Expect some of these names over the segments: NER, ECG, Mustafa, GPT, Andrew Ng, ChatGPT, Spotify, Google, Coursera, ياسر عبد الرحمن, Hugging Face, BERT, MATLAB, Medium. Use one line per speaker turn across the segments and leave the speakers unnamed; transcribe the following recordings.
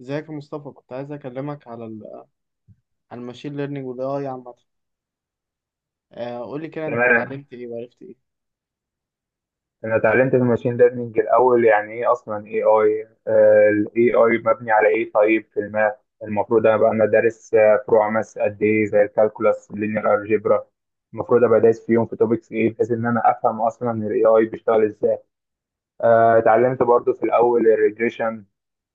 ازيك يا مصطفى؟ كنت عايز اكلمك على ال على الماشين ليرنينج والاي اي عامه. قول لي كده انت
تمام.
اتعلمت ايه وعرفت ايه؟
انا اتعلمت في الماشين ليرنينج الاول يعني ايه اصلا اي اي، الاي اي مبني على ايه؟ طيب، في الماث المفروض ابقى انا دارس فروع ماث قد ايه، زي الكالكولاس، اللينير، الجبرا. المفروض ابقى دايس فيهم في توبكس ايه بحيث ان انا افهم اصلا الاي اي بيشتغل ازاي. اتعلمت برضو في الاول الريجريشن،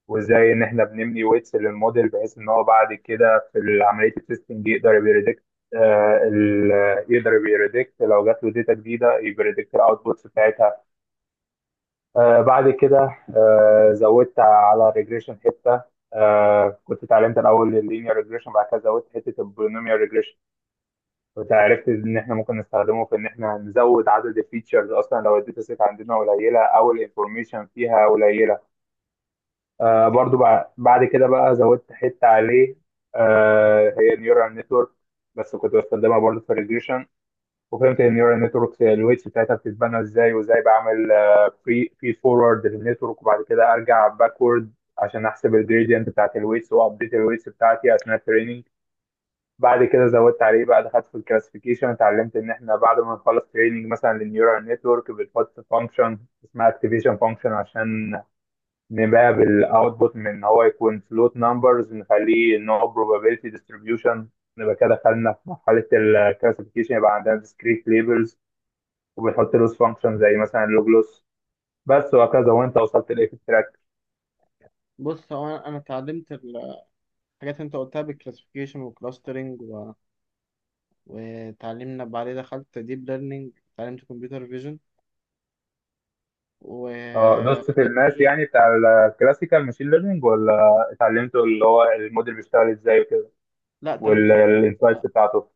وازاي ان احنا بنبني ويتس للموديل بحيث ان هو بعد كده في عمليه التستنج يقدر يبريدكت. آه، ال- يقدر يبريدكت لو جات له داتا جديده، يبريدكت الاوتبوتس بتاعتها. بعد كده، زودت على الريجريشن حته. كنت اتعلمت الاول اللينير ريجريشن، بعد كده زودت حته البولينوميال ريجريشن. وعرفت ان احنا ممكن نستخدمه في ان احنا نزود عدد الفيتشرز اصلا لو الداتا سيت عندنا قليله او الانفورميشن فيها قليله. برضو بعد كده بقى زودت حته عليه، هي نيورال نتورك، بس كنت بستخدمها برضو في الريجريشن. وفهمت ان نيورال نتورك الويتس بتاعتها بتتبنى ازاي، وازاي بعمل فري في فورورد للنتورك، وبعد كده ارجع باكورد عشان احسب الجريدينت بتاعت الويتس وابديت الويتس بتاعتي اثناء التريننج. بعد كده زودت عليه بقى، دخلت في الكلاسيفيكيشن، اتعلمت ان احنا بعد ما نخلص تريننج مثلا للنيورال نتورك بنحط فانكشن اسمها اكتيفيشن فانكشن عشان نباب الاوتبوت من ان هو يكون فلوت نمبرز، نخليه ان هو probability distribution. نبقى كده دخلنا في مرحله الكلاسيفيكيشن، يبقى عندنا discrete labels، وبيحط لوس فانكشن زي مثلا اللوج لوس، بس، وهكذا. وانت وصلت لايه في التراك؟
بص هو أنا اتعلمت الحاجات اللي انت قلتها بالكلاسيفيكيشن والكلاسترنج وتعلمنا. بعدين دخلت ديب ليرنينج، اتعلمت كمبيوتر فيجن و
اه، دوست
ان ال بي.
الماس يعني بتاع الكلاسيكال ماشين ليرنينج، ولا اتعلمته اللي هو الموديل بيشتغل ازاي وكده
لا، اتعلمت. لا،
والانسايتس بتاعته؟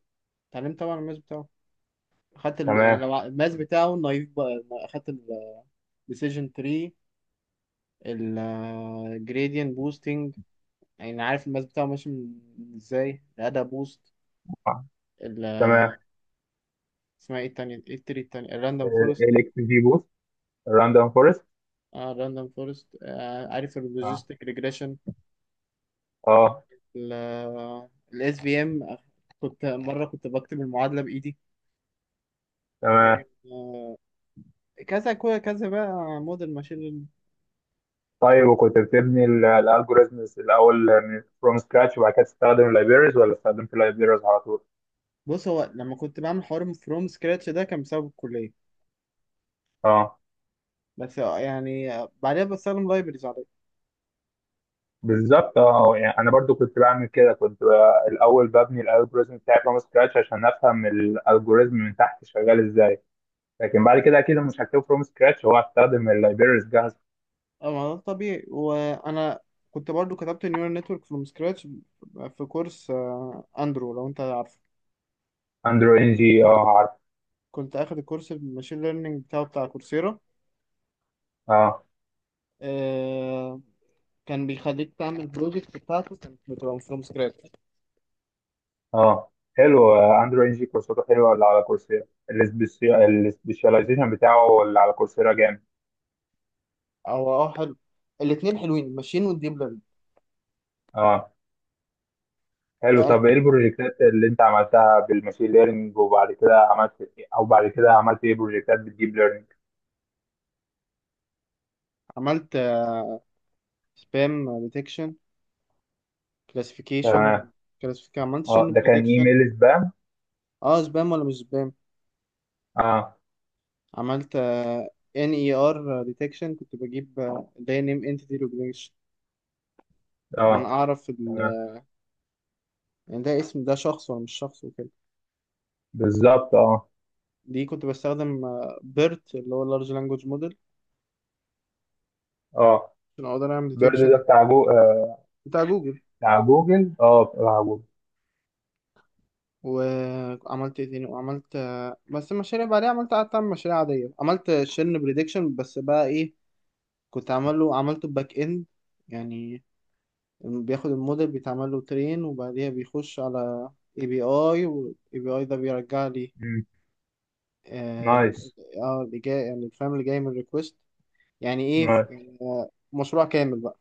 اتعلمت طبعا الماس بتاعه. اخدت يعني
تمام.
لو الماس بتاعه النايف، بقى اخدت الديسيجن تري، الجريدينت بوستنج، يعني عارف الماس بتاعه ماشي ازاي الاداة بوست
آه،
ال
تمام.
اسمها ايه التانية؟ ايه التري التانية؟ الراندوم فورست.
الاكس جي بوست، الراندوم فورست.
اه الراندوم فورست. آه، عارف
اه،
اللوجيستيك ريجريشن،
اه.
الاس بي ام. كنت مرة كنت بكتب المعادلة بإيدي.
تمام.
آه، كذا بقى موديل ماشين.
طيب، وكنت بتبني الالجوريزمز الاول من فروم سكراتش وبعد كده تستخدم اللايبريز، ولا استخدمت اللايبريز على طول؟
بص هو لما كنت بعمل حوار فروم سكراتش، ده كان بسبب الكلية،
اه.
بس يعني بعدها بستخدم لايبرز عليه.
بالظبط، اه، يعني انا برضو كنت بعمل كده، كنت بقى الاول ببني الالجوريزم بتاعي فروم سكراتش عشان افهم الالجوريزم من تحت شغال ازاي، لكن بعد كده اكيد مش هكتبه فروم سكراتش، هو هستخدم اللايبريز جاهزه.
اه، ما ده طبيعي. وانا كنت برضو كتبت نيورال نتورك فروم سكراتش في كورس اندرو، لو انت عارفه.
اندرو ان جي، اه، عارف.
كنت اخد الكورس الماشين ليرنينج بتاعه، بتاع كورسيرا.
اه،
آه، كان بيخليك تعمل بروجكت بتاعته، كانت بتبقى فروم سكراتش.
اه. حلو، اندرو ان جي كورساته حلوه اللي على كورسيرا، السبيشاليزيشن بتاعه اللي على كورسيرا جامد.
او اه، حلو. الاتنين حلوين، الماشين والديب ليرنينج.
اه، حلو.
آه،
طب ايه البروجكتات اللي انت عملتها بالماشين ليرنينج، وبعد كده عملت إيه، او بعد كده عملت ايه بروجكتات بالديب
عملت سبام ديتكشن
ليرنينج؟
كلاسيفيكيشن. كلاسيفيكيشن، عملت
اه،
شن
ده كان
بريدكشن.
ايميل سبام.
اه، سبام ولا مش سبام.
اه،
عملت ان اي ار ديتكشن، كنت بجيب ده نيم انتيتي ريكوجنيشن، ان انا
اه،
اعرف
تمام،
يعني ده اسم، ده شخص ولا مش شخص، وكده.
بالظبط، اه،
دي كنت بستخدم بيرت، اللي هو اللارج لانجوج موديل،
اه.
عشان اقدر اعمل
بيرد ده
ديتكشن.
بتاع جو... آه.
بتاع جوجل.
بتاع جوجل اه بتاع جوجل.
وعملت ايه تاني؟ وعملت بس المشاريع بعدها، عملت قعدت اعمل مشاريع عادية. عملت شن بريدكشن، بس بقى ايه، كنت عامله، عملته باك اند. يعني بياخد الموديل، بيتعمل له ترين، وبعديها بيخش على اي بي اي، والاي بي اي ده بيرجع لي.
مم.
اه ريك-
نايس.
اللي جاي، يعني الفريم اللي جاي من الريكوست.
نايس
يعني مشروع كامل بقى.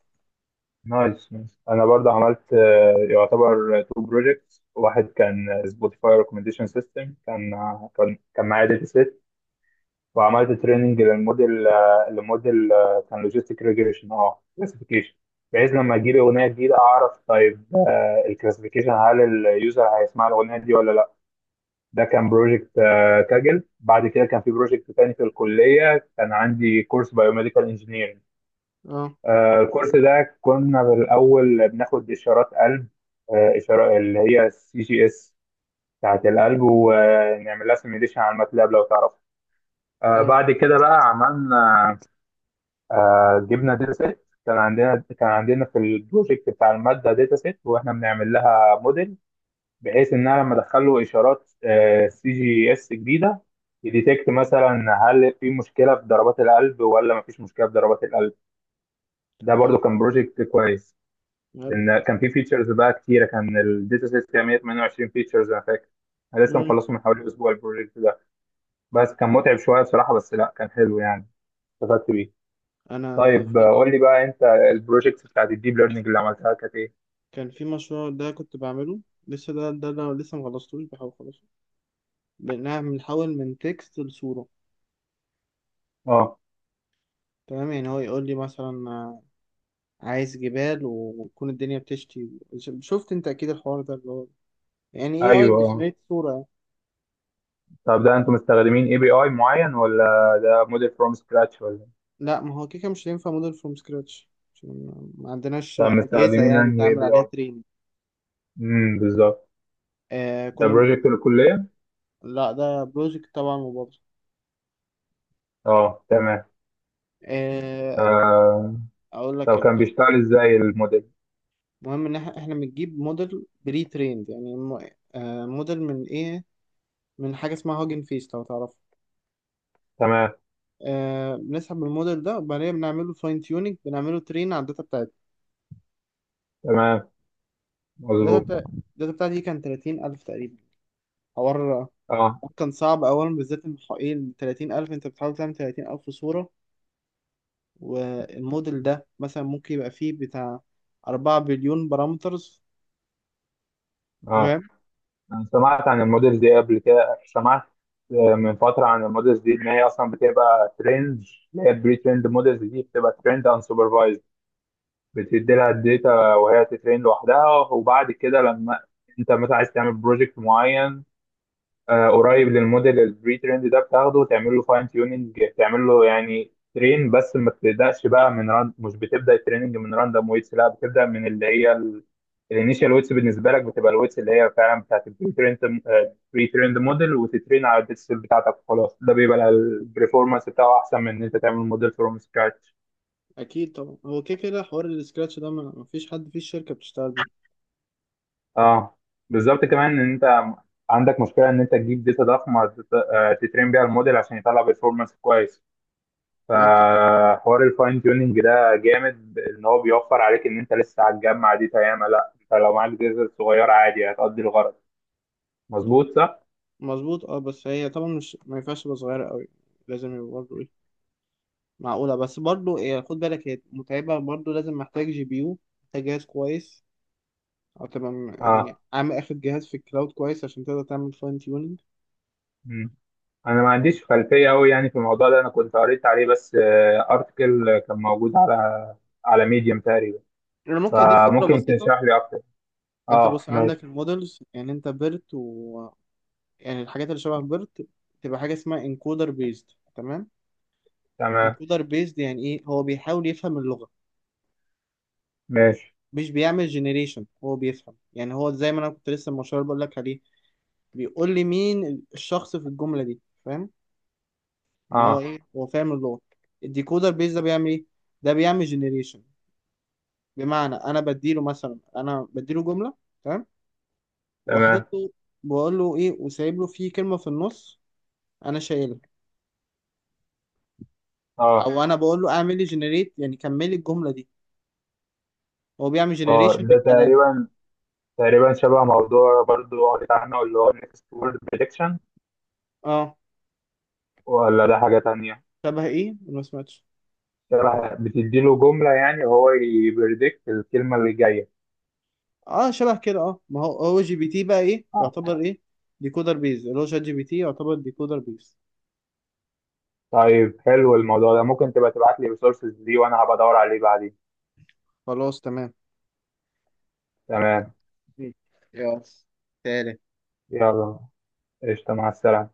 نايس نايس. انا برضه عملت يعتبر تو بروجكتس، واحد كان سبوتيفاي ريكومنديشن سيستم، كان كان معايا داتا سيت. وعملت تريننج للموديل لموديل كان لوجيستيك ريجريشن، اه، كلاسيفيكيشن. بحيث لما اجيب اغنيه جديده اعرف طيب الكلاسيفيكيشن، هل اليوزر هيسمع الاغنيه دي ولا لا. ده كان بروجكت كاجل. بعد كده كان في بروجكت تاني في الكليه، كان عندي كورس بايوميديكال انجينيرنج.
اه.
الكورس ده كنا بالأول بناخد إشارات قلب، إشارة اللي هي السي جي إس بتاعت القلب، ونعمل لها سيميليشن على الماتلاب لو تعرف.
اه،
بعد كده بقى عملنا، جبنا داتا سيت، كان عندنا في البروجكت بتاع الماده داتا سيت، واحنا بنعمل لها موديل بحيث ان انا لما ادخل له اشارات سي جي اس جديده، يديتكت مثلا هل في مشكله في ضربات القلب ولا ما فيش مشكله في ضربات القلب.
طب
ده
حلو.
برضو كان بروجكت كويس،
حلو.
لان كان في فيتشرز بقى كتيره، كان الداتا سيت فيها 128 فيتشرز انا فاكر. انا لسه
مم.
مخلصه من حوالي اسبوع البروجكت ده، بس كان متعب شويه بصراحه، بس لا كان حلو يعني، استفدت بيه.
انا
طيب
في
قول لي بقى انت، البروجكتس بتاعت الديب ليرنينج اللي عملتها كانت ايه؟
كان في مشروع ده كنت بعمله، لسه ده انا لسه مخلصتوش، بحاول اخلصه. بنحول من تكست لصورة.
اه،
تمام، يعني هو يقول لي مثلا عايز جبال وتكون الدنيا بتشتي. شفت انت اكيد الحوار ده، اللي هو يعني ايه، اي
ايوه، اه.
بيجنريت صورة يعني.
طب ده انتوا مستخدمين اي بي اي معين، ولا ده موديل فروم سكراتش، ولا إيه؟
لا، ما هو كيكه مش هينفع موديل فروم سكراتش، ما عندناش
طب
أجهزة
مستخدمين
يعني
انهي اي
تعمل
بي
عليها
اي؟
تريننج.
بالظبط.
آه
ده
كنا.
بروجكت الكلية؟
لا ده بروجكت طبعا مبالغ.
اه، تمام.
آه،
آه.
اقول لك.
طب كان بيشتغل ازاي الموديل؟
المهم ان احنا بنجيب موديل بري تريند، موديل من ايه، من حاجه اسمها هوجن فيس، لو تعرفه.
تمام
آه، بنسحب الموديل ده وبعدين بنعمله فاين تيوننج، بنعمله ترين على الداتا بتاعتي.
تمام،
الداتا
مظبوط،
بتاع- الداتا بتاعتي كان 30,000 تقريبا حوار.
اه،
كان صعب اولا، بالذات ان ايه ال 30,000، انت بتحاول تعمل 30,000 صوره. والموديل ده مثلا ممكن يبقى فيه بتاع 4 بليون بارامترز،
اه.
فاهم؟
انا سمعت عن الموديل دي قبل كده، سمعت من فترة عن الموديلز دي، إن هي أصلا بتبقى ترند، اللي هي البري ترند موديلز دي بتبقى ترند أنسوبرفايزد، بتدي لها الداتا وهي تترين لوحدها. وبعد كده لما انت مثلا عايز تعمل بروجكت معين، قريب للموديل البري تريند ده، بتاخده وتعمل له فاين تيوننج، تعمل له يعني ترين، بس ما بتبداش بقى من مش بتبدا التريننج من راندوم ويتس، لا، بتبدا من اللي هي الانيشال ويتس، بالنسبه لك بتبقى الويتس اللي هي فعلا بتاعت البري تريند، بري تريند موديل، وتترين على الداتا بتاعتك وخلاص، ده بيبقى البرفورمانس بتاعه احسن من ان انت تعمل موديل فروم سكراتش.
اكيد طبعا، هو كده كده حوار السكراتش ده ما فيش حد في الشركه بتشتغل بيه.
اه، بالظبط، كمان ان انت عندك مشكله ان انت تجيب داتا ضخمه تترين بيها الموديل عشان يطلع بيرفورمانس كويس.
وغير كده.
فحوار الفاين تيوننج ده جامد، ان هو بيوفر عليك ان انت لسه هتجمع داتا ياما لا، انت لو معاك داتا صغيره عادي هتقضي الغرض. مظبوط، صح؟
مظبوط اه، بس هي طبعا مش، ما ينفعش تبقى صغيرة قوي، لازم يبقى برضه ايه، معقولة. بس برضه إيه، خد بالك، هي متعبة برضه، لازم محتاج جي بي يو، محتاج جهاز كويس، او تبقى يعني
اه.
عامل اخد جهاز في الكلاود كويس عشان تقدر تعمل فاين تيوننج.
مم. انا ما عنديش خلفيه قوي يعني في الموضوع ده، انا كنت قريت عليه بس، ارتكل كان موجود على ميديم تقريبا.
انا ممكن اديك فكرة
فممكن
بسيطة.
تشرح لي اكتر.
انت
اه،
بص
ماشي،
عندك المودلز، يعني انت بيرت و يعني الحاجات اللي شبه بيرت، تبقى حاجة اسمها انكودر بيزد. تمام.
تمام،
انكودر بيزد يعني ايه؟ هو بيحاول يفهم اللغة،
ماشي،
مش بيعمل جنريشن، هو بيفهم، يعني هو زي ما انا كنت لسه المشروع بقول لك عليه، بيقول لي مين الشخص في الجملة دي، فاهم؟ ان هو
اه،
ايه، هو فاهم اللغة. الديكودر بيز ده بيعمل ايه؟ ده بيعمل جنريشن، بمعنى انا بديله مثلا، انا بديله جملة، تمام، وحاطط
تمام،
له، بقول له ايه، وسايب له فيه كلمة في النص انا شايلها.
اه،
او انا بقول له اعمل لي جنريت، يعني كمل لي الجملة دي، هو بيعمل
اه.
جنريشن
ده
للكلام، فاهم؟
تقريبا شبه موضوع برضو قريت عنه، اللي هو next word prediction.
اه
ولا ده حاجة تانية؟
شبه ايه، أنا ما سمعتش.
شبه، بتديله جملة يعني وهو يبريدكت الكلمة اللي جاية.
اه شبه كده. اه، ما هو هو جي بي تي بقى ايه،
اه.
يعتبر ايه، ديكودر بيز. اللي هو شات جي بي تي يعتبر ديكودر بيز.
طيب حلو، الموضوع ده ممكن تبقى تبعت لي resources دي وانا هبقى ادور عليه بعدين.
خلاص تمام.
تمام.
مم. يا تالت.
يلا، قشطة، مع السلامة.